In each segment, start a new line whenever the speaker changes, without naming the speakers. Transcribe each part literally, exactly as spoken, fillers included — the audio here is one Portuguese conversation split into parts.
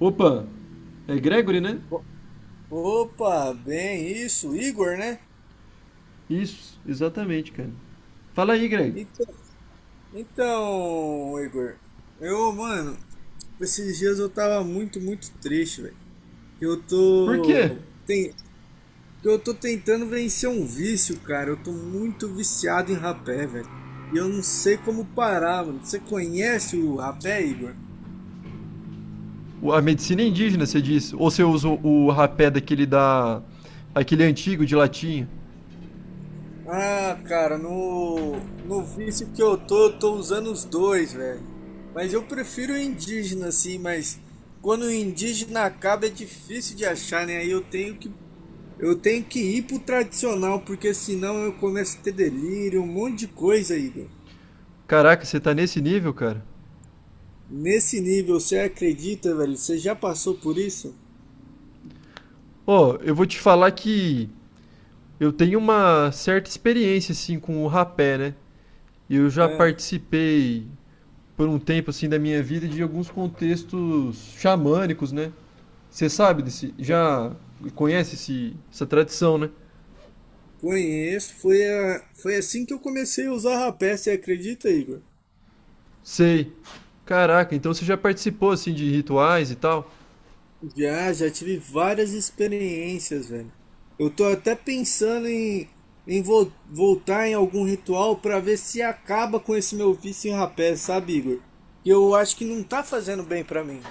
Opa, é Gregory, né?
O- Opa, bem, isso, Igor, né?
Isso, exatamente, cara. Fala aí, Gregory.
Então, então, Igor, eu, mano, esses dias eu tava muito, muito triste, velho. Que eu
Por quê?
tô, tem, que eu tô tentando vencer um vício, cara. Eu tô muito viciado em rapé, velho. E eu não sei como parar, mano. Você conhece o rapé, Igor?
A medicina é indígena, você disse? Ou você usa o o rapé daquele da. Aquele antigo de latinha?
Ah, cara, no, no vício que eu tô, eu tô usando os dois, velho. Mas eu prefiro o indígena, assim, mas quando o indígena acaba é difícil de achar, né? Aí eu tenho que, eu tenho que ir pro tradicional, porque senão eu começo a ter delírio, um monte de coisa, Igor.
Caraca, você tá nesse nível, cara?
Nesse nível, você acredita, velho? Você já passou por isso?
Ó, eu vou te falar que eu tenho uma certa experiência, assim, com o rapé, né? Eu já
É,
participei por um tempo, assim, da minha vida de alguns contextos xamânicos, né? Você sabe desse. Já conhece esse, essa tradição, né?
conheço. Foi, a, foi assim que eu comecei a usar rapé, você acredita, Igor?
Sei. Caraca, então você já participou assim de rituais e tal?
Já, já tive várias experiências, velho. Eu tô até pensando em, em vol- voltar em algum ritual pra ver se acaba com esse meu vício em rapé, sabe, Igor? Que eu acho que não tá fazendo bem pra mim.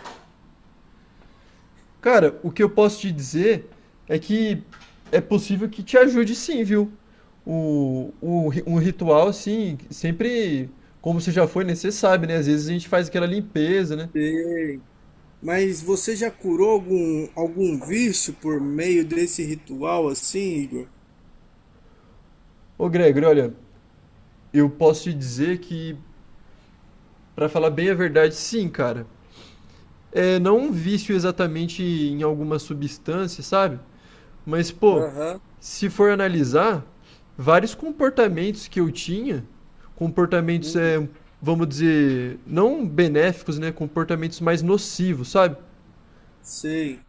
Cara, o que eu posso te dizer é que é possível que te ajude sim, viu? O, o, ri- um ritual, assim, sempre, como você já foi, né? Você sabe, né? Às vezes a gente faz aquela limpeza, né?
Sei. Mas você já curou algum, algum vício por meio desse ritual assim, Igor?
Ô, Gregory, olha, eu posso te dizer que, pra falar bem a verdade, sim, cara. É não um vício exatamente em alguma substância, sabe? Mas, pô,
Aham.
se for analisar, vários comportamentos que eu tinha, comportamentos,
Hum,
é, vamos dizer, não benéficos, né? Comportamentos mais nocivos, sabe?
sei.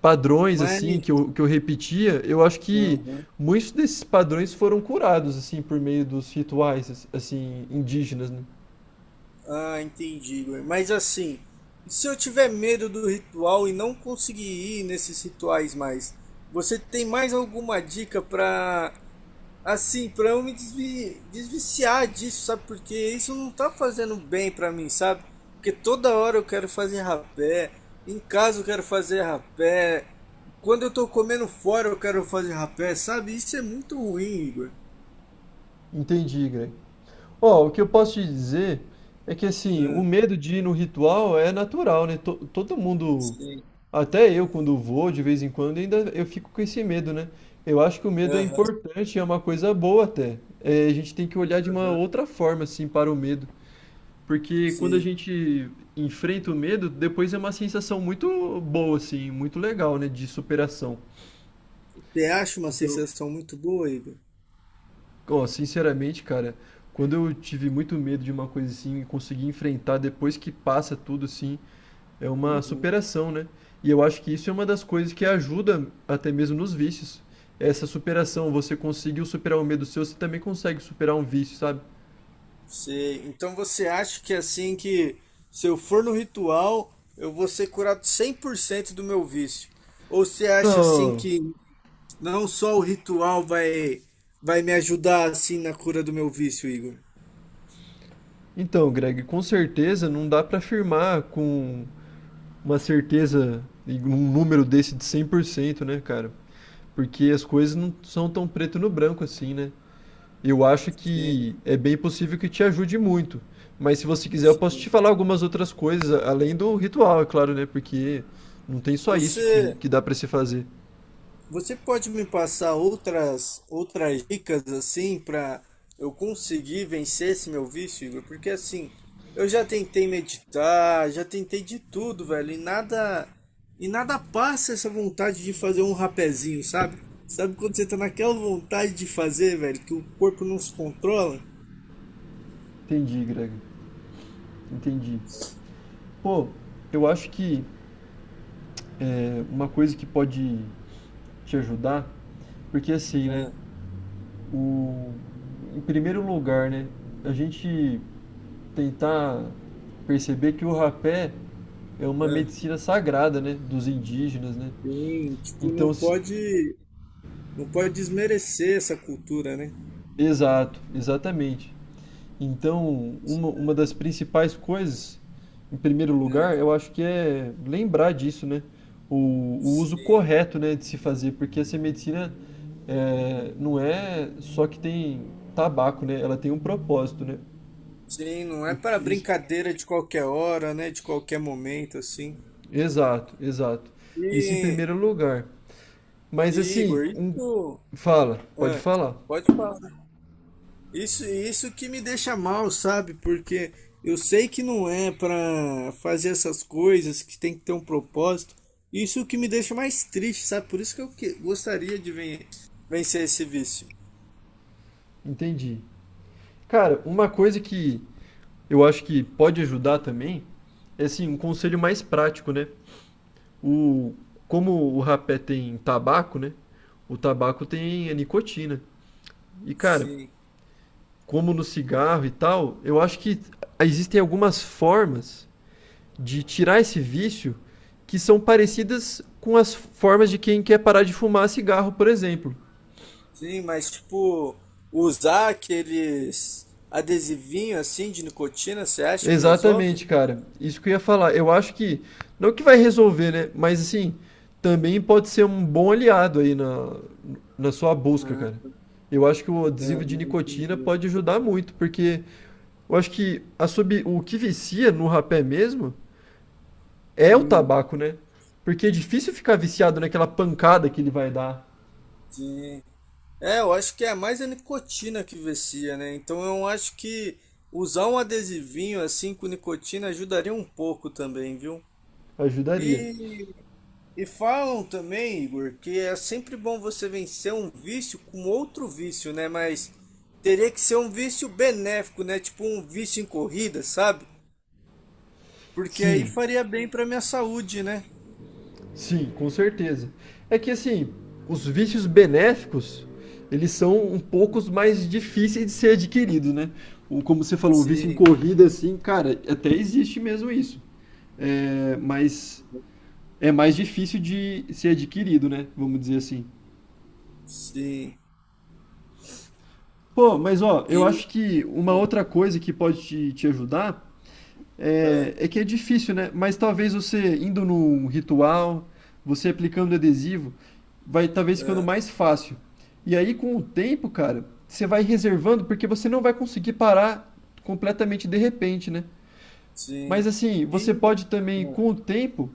Padrões,
Mas.
assim, que eu, que eu repetia, eu acho que
Aham.
muitos desses padrões foram curados, assim, por meio dos rituais, assim, indígenas, né?
Ah, entendi, Igor. Mas assim, e se eu tiver medo do ritual e não conseguir ir nesses rituais mais, você tem mais alguma dica para assim, para eu me desvi- desviciar disso, sabe? Porque isso não tá fazendo bem para mim, sabe? Porque toda hora eu quero fazer rapé, em casa eu quero fazer rapé, quando eu tô comendo fora eu quero fazer rapé, sabe? Isso é muito ruim, Igor.
Entendi, Greg. Ó, o que eu posso te dizer é que assim, o
Ah,
medo de ir no ritual é natural, né? To- Todo mundo,
sim.
até eu quando vou de vez em quando, ainda eu fico com esse medo, né? Eu acho que o medo é
Aham,
importante, é uma coisa boa até. É, a gente tem que olhar de uma
aham,
outra forma assim para o medo, porque quando a
sim.
gente enfrenta o medo, depois é uma sensação muito boa assim, muito legal, né, de superação.
Você acha uma
Então,
sensação muito boa, Igor?
ó, sinceramente, cara, quando eu tive muito medo de uma coisa assim e consegui enfrentar depois que passa tudo assim, é uma
Uhum.
superação, né? E eu acho que isso é uma das coisas que ajuda até mesmo nos vícios. Essa superação, você conseguiu superar um medo seu, você também consegue superar um vício, sabe?
Você- Então você acha que assim que se eu for no ritual, eu vou ser curado cem por cento do meu vício? Ou você acha assim
Não.
que não só o ritual vai vai me ajudar assim na cura do meu vício, Igor?
Então, Greg, com certeza não dá pra afirmar com uma certeza e um número desse de cem por cento, né, cara? Porque as coisas não são tão preto no branco assim, né? Eu acho
Sim,
que é bem possível que te ajude muito. Mas se você quiser, eu posso
sim.
te falar algumas outras coisas, a- além do ritual, é claro, né? Porque não tem só isso que,
Você
que dá pra se fazer.
Você pode me passar outras outras dicas assim para eu conseguir vencer esse meu vício, Igor? Porque assim, eu já tentei meditar, já tentei de tudo, velho, e nada e nada passa essa vontade de fazer um rapezinho, sabe? Sabe quando você tá naquela vontade de fazer, velho, que o corpo não se controla?
Entendi, Greg. Entendi. Pô, eu acho que é, uma coisa que pode te ajudar, porque assim, né?
Ah,
O, em primeiro lugar, né? A gente tentar perceber que o rapé é uma
ah.
medicina sagrada, né? Dos indígenas, né?
Sim, tipo,
Então,
não
se,
pode não pode desmerecer essa cultura, né?
exato, exatamente. Então, uma, uma das principais coisas, em primeiro
Ah.
lugar, eu acho que é lembrar disso, né? O, o uso
Sim.
correto, né, de se fazer, porque essa medicina é, não é só que tem tabaco, né? Ela tem um propósito, né?
Sim, não é para
Isso-
brincadeira de qualquer hora, né? De qualquer momento, assim.
exato, exato. Isso em
E,
primeiro lugar. Mas
e,
assim,
Igor,
um-
isso.
fala, pode
Ah,
falar.
pode falar. Isso, isso que me deixa mal, sabe? Porque eu sei que não é para fazer essas coisas, que tem que ter um propósito. Isso que me deixa mais triste, sabe? Por isso que eu que- gostaria de ven- vencer esse vício.
Entendi. Cara, uma coisa que eu acho que pode ajudar também, é assim, um conselho mais prático, né? O, como o rapé tem tabaco, né? O tabaco tem a nicotina. E, cara,
Sim,
como no cigarro e tal, eu acho que existem algumas formas de tirar esse vício que são parecidas com as formas de quem quer parar de fumar cigarro, por exemplo.
sim, mas tipo, usar aqueles adesivinhos assim de nicotina, você acha que resolve?
Exatamente, cara. Isso que eu ia falar. Eu acho que, não que vai resolver, né? Mas assim, também pode ser um bom aliado aí na, na sua busca, cara.
Ah,
Eu acho que o
ah,
adesivo de nicotina
entendi.
pode ajudar muito, porque eu acho que a sub, o que vicia no rapé mesmo é o
Hum,
tabaco, né? Porque é difícil ficar viciado naquela pancada que ele vai dar.
sim. É, eu acho que é mais a nicotina que vicia, né? Então eu acho que usar um adesivinho assim com nicotina ajudaria um pouco também, viu?
Ajudaria.
E, e falam também, Igor, que é sempre bom você vencer um vício com outro vício, né? Mas teria que ser um vício benéfico, né? Tipo um vício em corrida, sabe? Porque aí
Sim.
faria bem pra minha saúde, né?
Sim, com certeza. É que assim, os vícios benéficos, eles são um pouco mais difíceis de ser adquiridos, né? O- Como você falou, o vício em
Sim,
corrida, assim, cara, até existe mesmo isso. É, mas é mais difícil de ser adquirido, né? Vamos dizer assim.
sim.
Pô, mas ó,
E,
eu acho que uma
é,
outra coisa que pode te, te ajudar. É,
é.
é que é difícil, né? Mas talvez você indo num ritual, você aplicando adesivo, vai talvez ficando
É,
mais fácil. E aí com o tempo, cara, você vai reservando porque você não vai conseguir parar completamente de repente, né? Mas
sim.
assim, você
E,
pode
é,
também com o tempo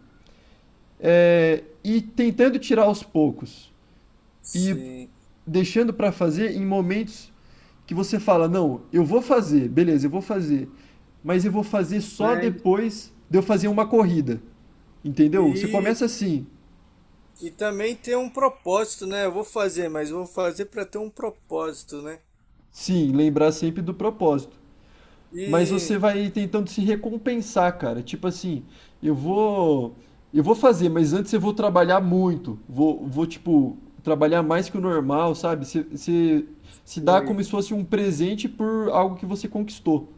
é, ir tentando tirar aos poucos e
sim.
deixando para fazer em momentos que você fala, não, eu vou fazer, beleza, eu vou fazer, mas eu vou fazer só
Mas,
depois de eu fazer uma corrida. Entendeu? Você
e,
começa assim,
e também tem um propósito, né? Eu vou fazer, mas vou fazer para ter um propósito, né?
sim, lembrar sempre do propósito, mas você
E,
vai tentando se recompensar, cara. Tipo assim, eu vou eu vou fazer, mas antes eu vou trabalhar muito. Vou, vou tipo, trabalhar mais que o normal, sabe? Você, você se dá como
e,
se fosse um presente por algo que você conquistou.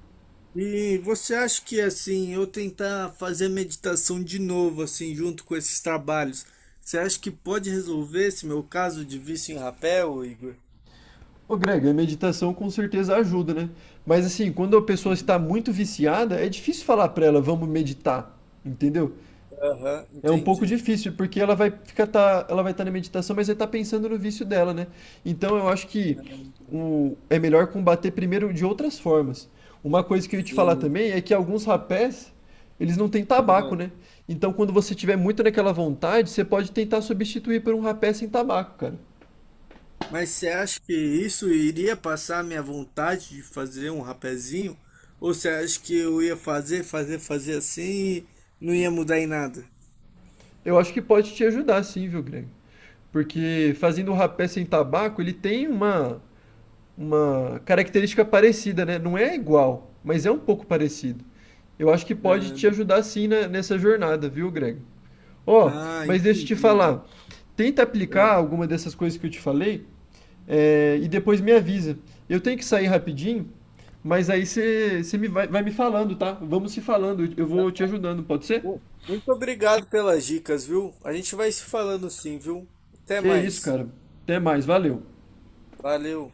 e você acha que, assim, eu tentar fazer meditação de novo, assim, junto com esses trabalhos, você acha que pode resolver esse meu caso de vício em rapel, Igor?
Ô Greg, a meditação com certeza ajuda, né? Mas assim, quando a pessoa
Uhum.
está muito viciada, é difícil falar para ela, vamos meditar, entendeu?
Aham,
É um pouco
entendi.
difícil, porque ela vai ficar tá, ela vai estar na meditação, mas vai estar pensando no vício dela, né? Então eu acho que o, é melhor combater primeiro de outras formas. Uma coisa que eu ia te falar
Sim.
também é que alguns rapés, eles não têm tabaco, né? Então quando você tiver muito naquela vontade, você pode tentar substituir por um rapé sem tabaco, cara.
Mas você acha que isso iria passar a minha vontade de fazer um rapezinho? Ou você acha que eu ia fazer, fazer, fazer assim e não ia mudar em nada?
Eu acho que pode te ajudar sim, viu, Greg? Porque fazendo o rapé sem tabaco, ele tem uma, uma característica parecida, né? Não é igual, mas é um pouco parecido. Eu acho que pode te
Ah,
ajudar sim na- nessa jornada, viu, Greg? Ó,
ah,
mas deixa eu te
entendi.
falar. Tenta aplicar
É.
alguma dessas coisas que eu te falei, é, e depois me avisa. Eu tenho que sair rapidinho, mas aí você você me vai, vai me falando, tá? Vamos se falando, eu
Tá
vou te
bom.
ajudando, pode ser?
Mu- Muito obrigado pelas dicas, viu? A gente vai se falando sim, viu? Até
Que isso,
mais.
cara. Até mais, valeu.
Valeu.